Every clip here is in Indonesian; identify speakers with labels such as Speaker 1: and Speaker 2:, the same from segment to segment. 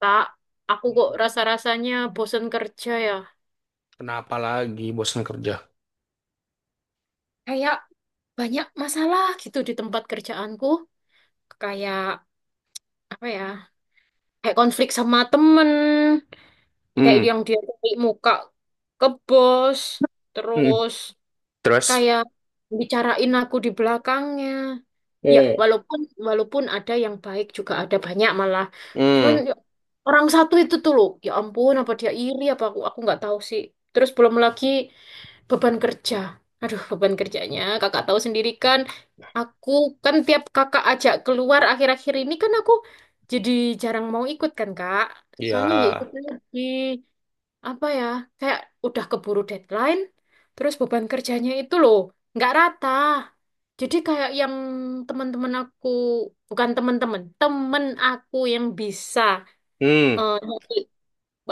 Speaker 1: Kak, aku kok rasa-rasanya bosen kerja ya.
Speaker 2: Kenapa lagi bosan kerja?
Speaker 1: Kayak banyak masalah gitu di tempat kerjaanku. Kayak apa ya? Kayak konflik sama temen. Kayak
Speaker 2: Hmm,
Speaker 1: yang dia cari muka ke bos.
Speaker 2: hmm.
Speaker 1: Terus
Speaker 2: Terus?
Speaker 1: kayak bicarain aku di belakangnya. Ya,
Speaker 2: Eh.
Speaker 1: walaupun walaupun ada yang baik juga ada banyak malah. Cuman
Speaker 2: Hmm,
Speaker 1: ya, orang satu itu tuh loh. Ya ampun, apa dia iri apa aku nggak tahu sih. Terus belum lagi, beban kerja. Aduh, beban kerjanya. Kakak tahu sendiri kan, aku kan tiap kakak ajak keluar akhir-akhir ini kan aku jadi jarang mau ikut kan, Kak. Soalnya ya itu
Speaker 2: ya.
Speaker 1: tadi, apa ya, kayak udah keburu deadline, terus beban kerjanya itu loh, nggak rata. Jadi kayak yang teman-teman aku, bukan teman-teman, temen aku yang bisa
Speaker 2: Hmm,
Speaker 1: eh,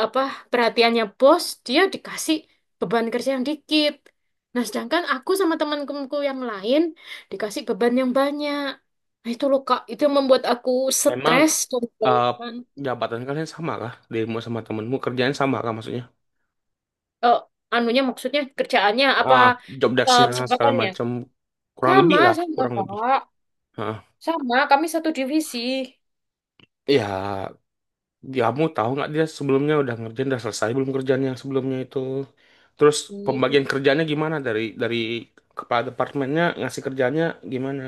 Speaker 1: apa perhatiannya bos dia dikasih beban kerja yang dikit, nah sedangkan aku sama teman-temanku yang lain dikasih beban yang banyak. Nah, itu loh Kak, itu yang membuat aku
Speaker 2: emang
Speaker 1: stres dan
Speaker 2: eh,
Speaker 1: kelelahan.
Speaker 2: jabatan kalian sama kah? Dirimu sama temenmu kerjaan sama kah, maksudnya?
Speaker 1: Eh, anunya maksudnya kerjaannya apa,
Speaker 2: Ah, job desk-nya segala
Speaker 1: kesempatannya
Speaker 2: macam kurang
Speaker 1: sama
Speaker 2: lebih lah,
Speaker 1: sama
Speaker 2: kurang lebih.
Speaker 1: Kak,
Speaker 2: Ah,
Speaker 1: sama kami satu divisi.
Speaker 2: ya. Kamu tahu nggak dia sebelumnya udah ngerjain, udah selesai belum kerjaan yang sebelumnya itu? Terus
Speaker 1: Ih,
Speaker 2: pembagian kerjanya gimana, dari kepala departemennya ngasih kerjanya gimana?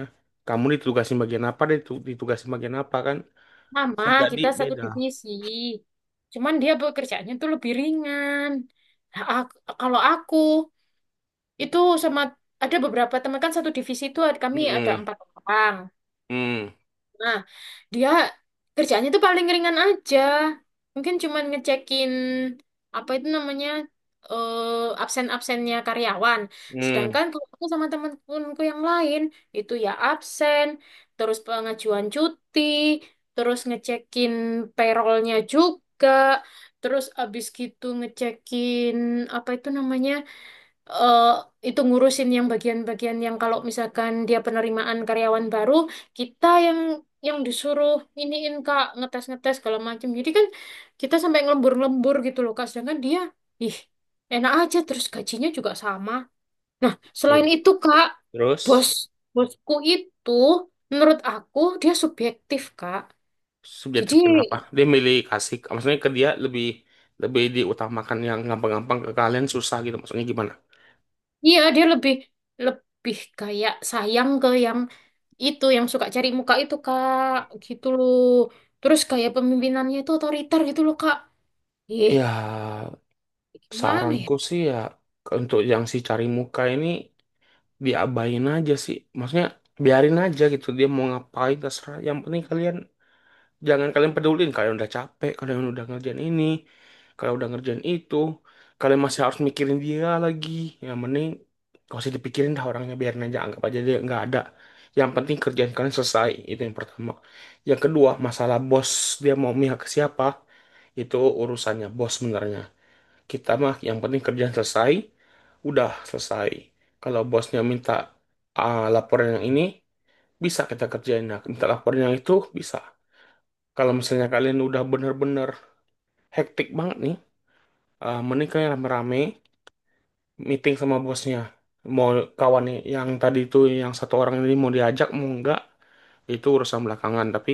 Speaker 2: Kamu ditugasin bagian apa, dia ditugasin bagian apa, kan?
Speaker 1: sama
Speaker 2: Bisa jadi
Speaker 1: kita satu
Speaker 2: beda.
Speaker 1: divisi, cuman dia pekerjaannya tuh lebih ringan. Nah, kalau aku itu sama, ada beberapa teman kan satu divisi itu kami ada
Speaker 2: Hmm,
Speaker 1: empat orang.
Speaker 2: hmm,
Speaker 1: Nah, dia kerjanya itu paling ringan aja. Mungkin cuman ngecekin apa itu namanya, absen-absennya karyawan.
Speaker 2: hmm.
Speaker 1: Sedangkan kalau aku sama teman-temanku yang lain itu ya absen, terus pengajuan cuti, terus ngecekin payrollnya juga, terus abis gitu ngecekin apa itu namanya? eh, itu ngurusin yang bagian-bagian yang kalau misalkan dia penerimaan karyawan baru, kita yang disuruh iniin Kak, ngetes-ngetes segala macam. Jadi kan kita sampai ngelembur-lembur gitu loh Kak, sedangkan dia ih, enak aja, terus gajinya juga sama. Nah, selain
Speaker 2: Iya.
Speaker 1: itu Kak,
Speaker 2: Terus,
Speaker 1: bos bosku itu menurut aku dia subjektif Kak. Jadi
Speaker 2: subjektif kenapa? Dia milih kasih, maksudnya ke dia lebih lebih diutamakan yang gampang-gampang, ke kalian susah gitu. Maksudnya gimana?
Speaker 1: iya, dia lebih lebih kayak sayang ke yang itu, yang suka cari muka itu Kak, gitu loh. Terus kayak pemimpinannya itu otoriter gitu loh Kak. Ih,
Speaker 2: Ya,
Speaker 1: gimana ya?
Speaker 2: saranku sih, ya, untuk yang si cari muka ini, diabain aja sih. Maksudnya biarin aja gitu, dia mau ngapain terserah. Yang penting kalian jangan, kalian pedulin kalian udah capek, kalian udah ngerjain ini, kalian udah ngerjain itu, kalian masih harus mikirin dia lagi. Yang mending gak usah dipikirin dah orangnya, biarin aja, anggap aja dia nggak ada. Yang penting kerjaan kalian selesai, itu yang pertama. Yang kedua, masalah bos dia mau mihak ke siapa, itu urusannya bos sebenarnya. Kita mah yang penting kerjaan selesai, udah selesai. Kalau bosnya minta, ah, laporan yang ini, bisa kita kerjain. Nah, minta laporan yang itu, bisa. Kalau misalnya kalian udah bener-bener hektik banget nih, ah, mending kalian rame-rame meeting sama bosnya. Mau kawan nih, yang tadi itu yang satu orang ini, mau diajak mau enggak, itu urusan belakangan. Tapi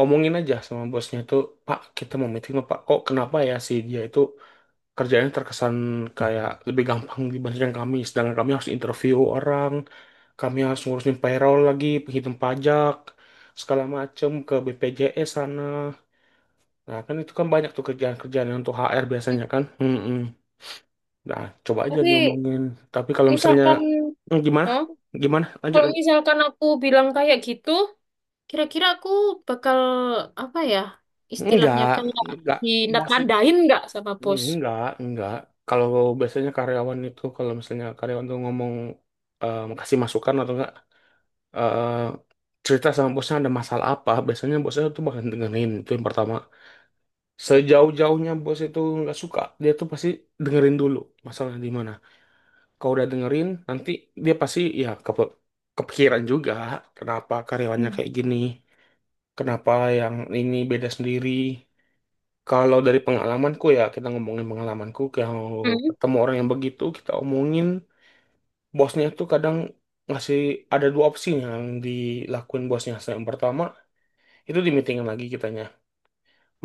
Speaker 2: omongin aja sama bosnya itu, Pak, kita mau meeting, Pak. Kok kenapa ya si dia itu kerjanya terkesan kayak lebih gampang dibandingkan kami. Sedangkan kami harus interview orang, kami harus ngurusin payroll lagi, penghitung pajak, segala macem ke BPJS sana. Nah, kan itu kan banyak tuh kerjaan-kerjaan yang untuk HR biasanya kan. Mm-mm. Nah, coba aja nih
Speaker 1: Tapi
Speaker 2: ngomongin. Tapi kalau misalnya,
Speaker 1: misalkan,
Speaker 2: hmm, gimana?
Speaker 1: hah?
Speaker 2: Gimana? Lanjut,
Speaker 1: Kalau
Speaker 2: lanjut.
Speaker 1: misalkan aku bilang kayak gitu, kira-kira aku bakal apa ya? Istilahnya
Speaker 2: Enggak,
Speaker 1: kayak
Speaker 2: enggak. Bos itu,
Speaker 1: dinatandain nggak sama bos?
Speaker 2: enggak, enggak. Kalau biasanya karyawan itu, kalau misalnya karyawan tuh ngomong, eh, kasih masukan atau enggak, eh, cerita sama bosnya ada masalah apa, biasanya bosnya tuh bakal dengerin. Itu yang pertama. Sejauh-jauhnya bos itu nggak suka, dia tuh pasti dengerin dulu masalah di mana. Kalau udah dengerin, nanti dia pasti ya kepikiran juga, kenapa karyawannya
Speaker 1: Hmm.
Speaker 2: kayak gini, kenapa yang ini beda sendiri. Kalau dari pengalamanku, ya, kita ngomongin pengalamanku, kalau
Speaker 1: Hmm?
Speaker 2: ketemu orang yang begitu, kita omongin, bosnya tuh kadang ngasih, ada dua opsi yang dilakuin bosnya. Yang pertama, itu di meeting lagi kitanya.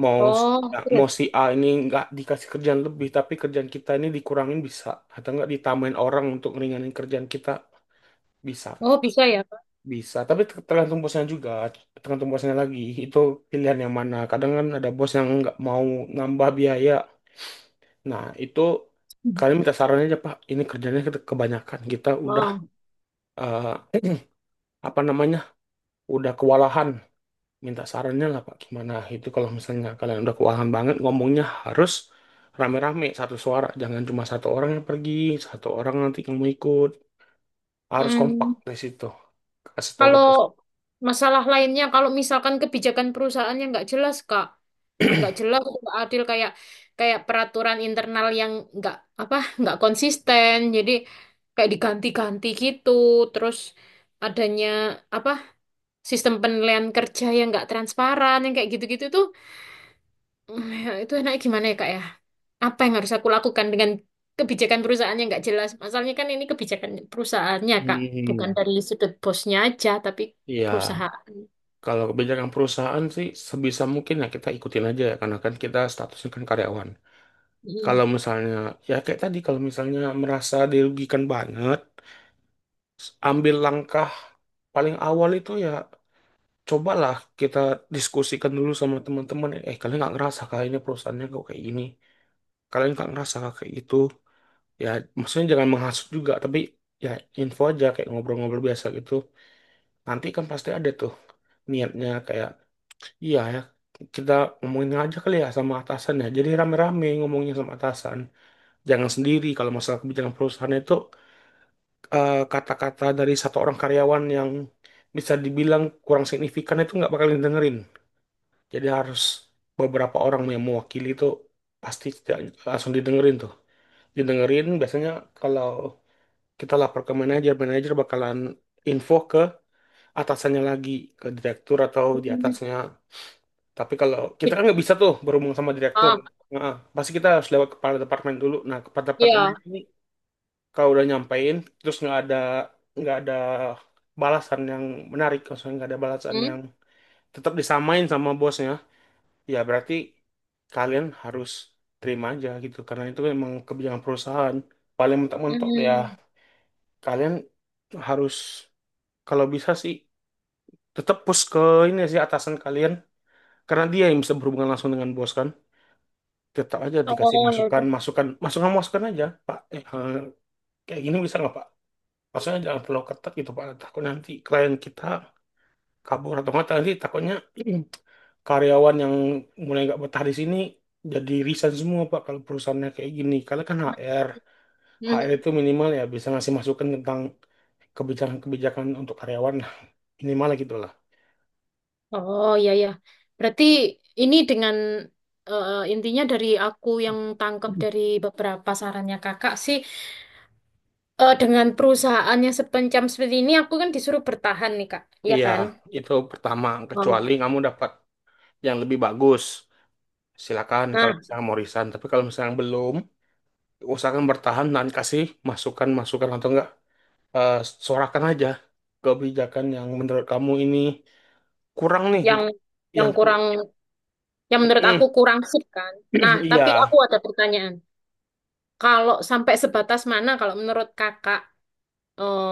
Speaker 2: Mau si,
Speaker 1: Oh,
Speaker 2: Mau
Speaker 1: terus.
Speaker 2: si A ini nggak dikasih kerjaan lebih, tapi kerjaan kita ini dikurangin, bisa. Atau nggak, ditambahin orang untuk ngeringanin kerjaan kita, bisa.
Speaker 1: Oh, bisa ya, Kak.
Speaker 2: Bisa, tapi tergantung bosnya juga, tergantung bosnya lagi. Itu pilihan yang mana. Kadang kan ada bos yang nggak mau nambah biaya. Nah, itu
Speaker 1: Hmm.
Speaker 2: kalian minta saran aja, Pak. Ini kerjanya kebanyakan. Kita udah,
Speaker 1: Oh.
Speaker 2: eh, apa namanya, udah kewalahan. Minta sarannya lah, Pak, gimana itu. Kalau misalnya kalian udah keuangan banget, ngomongnya harus rame-rame satu suara, jangan cuma satu orang yang pergi, satu orang nanti kamu ikut, harus kompak
Speaker 1: Hmm.
Speaker 2: di situ, kasih tahu ke
Speaker 1: Kalau
Speaker 2: bos.
Speaker 1: masalah lainnya, kalau misalkan kebijakan perusahaannya nggak jelas, Kak, nggak jelas, nggak adil, kayak kayak peraturan internal yang nggak apa, nggak konsisten, jadi kayak diganti-ganti gitu, terus adanya apa sistem penilaian kerja yang nggak transparan, yang kayak gitu-gitu tuh, itu enaknya gimana ya, Kak ya? Apa yang harus aku lakukan dengan kebijakan perusahaannya nggak jelas? Masalahnya kan ini kebijakan perusahaannya, Kak, bukan
Speaker 2: Hmm.
Speaker 1: dari sudut bosnya aja, tapi
Speaker 2: Iya,
Speaker 1: perusahaan.
Speaker 2: kalau kebijakan perusahaan sih sebisa mungkin ya kita ikutin aja ya, karena kan kita statusnya kan karyawan.
Speaker 1: Hmm.
Speaker 2: Kalau misalnya, ya kayak tadi, kalau misalnya merasa dirugikan banget, ambil langkah paling awal itu ya cobalah kita diskusikan dulu sama teman-teman. Eh, kalian nggak ngerasa kah ini, perusahaannya kok kayak gini? Kalian nggak ngerasa kah kayak gitu? Ya, maksudnya jangan menghasut juga, tapi ya info aja kayak ngobrol-ngobrol biasa gitu. Nanti kan pasti ada tuh niatnya kayak, iya ya, kita ngomongin aja kali ya sama atasan ya. Jadi rame-rame ngomongnya sama atasan. Jangan sendiri. Kalau masalah kebijakan perusahaan itu, eh, kata-kata dari satu orang karyawan yang bisa dibilang kurang signifikan itu nggak bakal dengerin. Jadi harus beberapa orang yang mewakili itu, pasti tidak langsung didengerin tuh. Didengerin biasanya, kalau kita lapor ke manajer, manajer bakalan info ke atasannya lagi, ke direktur atau di atasnya. Tapi kalau kita kan nggak bisa tuh berhubung sama direktur.
Speaker 1: Ah,
Speaker 2: Nah, pasti kita harus lewat kepala departemen dulu. Nah, kepala departemen
Speaker 1: ya.
Speaker 2: ini kalau udah nyampein, terus nggak ada balasan yang menarik, maksudnya nggak ada balasan
Speaker 1: Hmm.
Speaker 2: yang tetap, disamain sama bosnya, ya berarti kalian harus terima aja gitu, karena itu memang kebijakan perusahaan. Paling mentok-mentok ya
Speaker 1: Hmm.
Speaker 2: kalian harus, kalau bisa sih, tetap push ke ini sih, atasan kalian, karena dia yang bisa berhubungan langsung dengan bos kan. Tetap aja dikasih
Speaker 1: Oh, ya
Speaker 2: masukan,
Speaker 1: udah.
Speaker 2: masukan, masukan, masukan aja, Pak, kayak gini bisa nggak, Pak? Maksudnya jangan terlalu ketat gitu, Pak, takut nanti klien kita kabur atau enggak, tadi takutnya karyawan yang mulai nggak betah di sini jadi resign semua, Pak, kalau perusahaannya kayak gini, karena kan HR, HR itu
Speaker 1: Hmm.
Speaker 2: minimal ya bisa ngasih masukan tentang kebijakan-kebijakan untuk karyawan lah. Minimal lah, gitu lah.
Speaker 1: Oh, ya, ya. Berarti ini dengan, intinya dari aku yang tangkap dari beberapa sarannya Kakak sih, dengan perusahaannya sepencam seperti ini aku kan disuruh bertahan nih, Kak. Iya
Speaker 2: Iya,
Speaker 1: kan?
Speaker 2: itu pertama. Kecuali
Speaker 1: Oh.
Speaker 2: kamu dapat yang lebih bagus, silakan
Speaker 1: Nah,
Speaker 2: kalau misalnya mau resign. Tapi kalau misalnya belum, usahakan bertahan dan kasih masukan-masukan, atau enggak, eh, sorakan aja kebijakan yang menurut kamu ini kurang nih
Speaker 1: yang
Speaker 2: untuk
Speaker 1: yang
Speaker 2: yang ku.
Speaker 1: kurang, yang menurut
Speaker 2: Mm,
Speaker 1: aku kurang sip kan. Nah, tapi
Speaker 2: iya.
Speaker 1: aku ada pertanyaan. Kalau sampai sebatas mana kalau menurut Kakak, eh,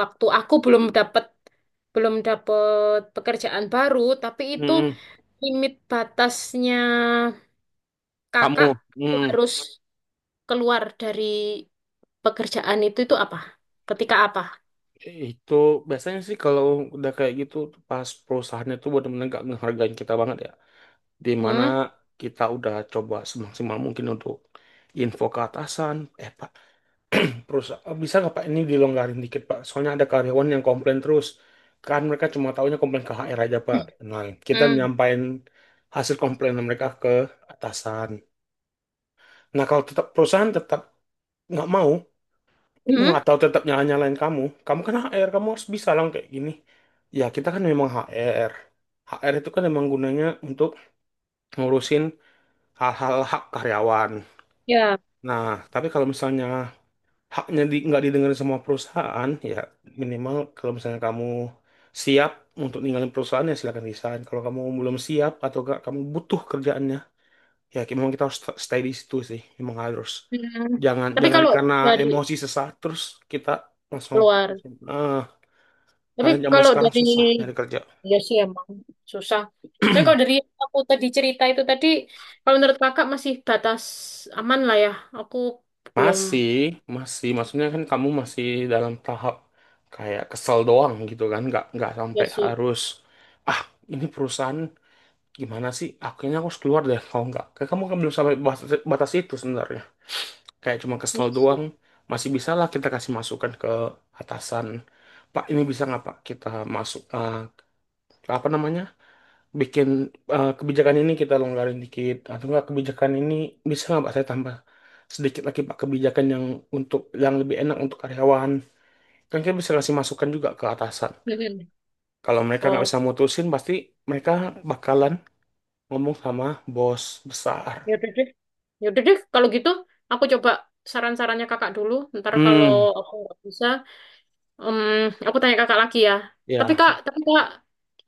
Speaker 1: waktu aku belum dapat pekerjaan baru, tapi itu
Speaker 2: Mm-mm.
Speaker 1: limit batasnya kakak
Speaker 2: Kamu, mm,
Speaker 1: harus keluar dari pekerjaan itu apa? Ketika apa?
Speaker 2: itu biasanya sih kalau udah kayak gitu, pas perusahaannya tuh benar-benar gak menghargai kita banget ya, di mana
Speaker 1: Hmm?
Speaker 2: kita udah coba semaksimal mungkin untuk info ke atasan, Pak, perusahaan bisa nggak, Pak, ini dilonggarin dikit, Pak, soalnya ada karyawan yang komplain terus, kan mereka cuma tahunya komplain ke HR aja, Pak. Nah, kita
Speaker 1: Hmm.
Speaker 2: menyampaikan hasil komplain mereka ke atasan. Nah, kalau tetap perusahaan tetap nggak mau,
Speaker 1: Hmm?
Speaker 2: atau tetap nyala-nyalain kamu, kamu kan HR, kamu harus bisa lah kayak gini. Ya, kita kan memang HR, HR itu kan memang gunanya untuk ngurusin hal-hal hak karyawan.
Speaker 1: Ya.
Speaker 2: Nah, tapi kalau misalnya haknya nggak didengerin sama perusahaan, ya minimal kalau misalnya kamu siap untuk ninggalin perusahaan, ya silakan resign. Kalau kamu belum siap atau nggak, kamu butuh kerjaannya, ya kayak memang kita harus stay di situ sih, memang harus.
Speaker 1: Hmm.
Speaker 2: jangan
Speaker 1: Tapi
Speaker 2: jangan
Speaker 1: kalau
Speaker 2: karena
Speaker 1: dari
Speaker 2: emosi sesaat terus kita langsung
Speaker 1: keluar,
Speaker 2: putusin, ah,
Speaker 1: tapi
Speaker 2: karena zaman
Speaker 1: kalau
Speaker 2: sekarang
Speaker 1: dari
Speaker 2: susah nyari kerja.
Speaker 1: ya sih emang susah. Tapi kalau dari aku tadi cerita itu tadi, kalau menurut kakak masih batas aman lah ya. Aku belum.
Speaker 2: Masih masih maksudnya, kan kamu masih dalam tahap kayak kesel doang gitu kan, nggak
Speaker 1: Ya
Speaker 2: sampai
Speaker 1: sih,
Speaker 2: harus, ah, ini perusahaan gimana sih, akhirnya aku harus keluar deh. Kalau nggak, kayak kamu kan belum sampai batas, batas itu sebenarnya kayak cuma kesel
Speaker 1: ini sih.
Speaker 2: doang. Masih bisa lah kita kasih masukan ke atasan, Pak, ini bisa nggak, Pak, kita masuk, eh, apa namanya, bikin, eh, kebijakan ini kita longgarin dikit, atau nggak kebijakan ini bisa nggak, Pak, saya tambah sedikit lagi, Pak, kebijakan yang untuk yang lebih enak untuk karyawan, kan kita bisa kasih masukan juga ke atasan.
Speaker 1: Mhm.
Speaker 2: Kalau mereka nggak
Speaker 1: Oh,
Speaker 2: bisa mutusin, pasti mereka bakalan ngomong sama bos besar.
Speaker 1: ya udah deh. Ya udah deh, kalau gitu aku coba saran-sarannya kakak dulu. Ntar kalau
Speaker 2: Hmm.
Speaker 1: aku nggak bisa, em, aku tanya kakak lagi ya. Tapi
Speaker 2: Ya.
Speaker 1: kak, tapi kak,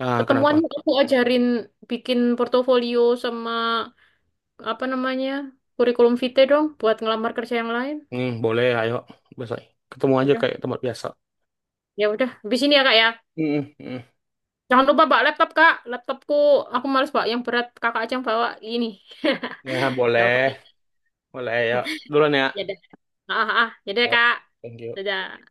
Speaker 2: Ah, kenapa.
Speaker 1: ketemuannya aku ajarin bikin portofolio sama apa namanya, kurikulum vitae dong, buat ngelamar kerja yang lain.
Speaker 2: Hmm, boleh, ayo. Besok ketemu
Speaker 1: Ya
Speaker 2: aja
Speaker 1: udah,
Speaker 2: kayak tempat biasa.
Speaker 1: ya udah. Habis ini ya Kak ya.
Speaker 2: Hmm, hmm.
Speaker 1: Jangan lupa bawa laptop Kak. Laptopku, aku males bawa yang berat. Kakak aja yang bawa ini.
Speaker 2: Ya,
Speaker 1: Ya udah,
Speaker 2: boleh. Boleh, ayo. Duluan ya.
Speaker 1: ya udah. Ah, ah, ah, ya udah
Speaker 2: Ya.
Speaker 1: Kak.
Speaker 2: Thank you.
Speaker 1: Dadah.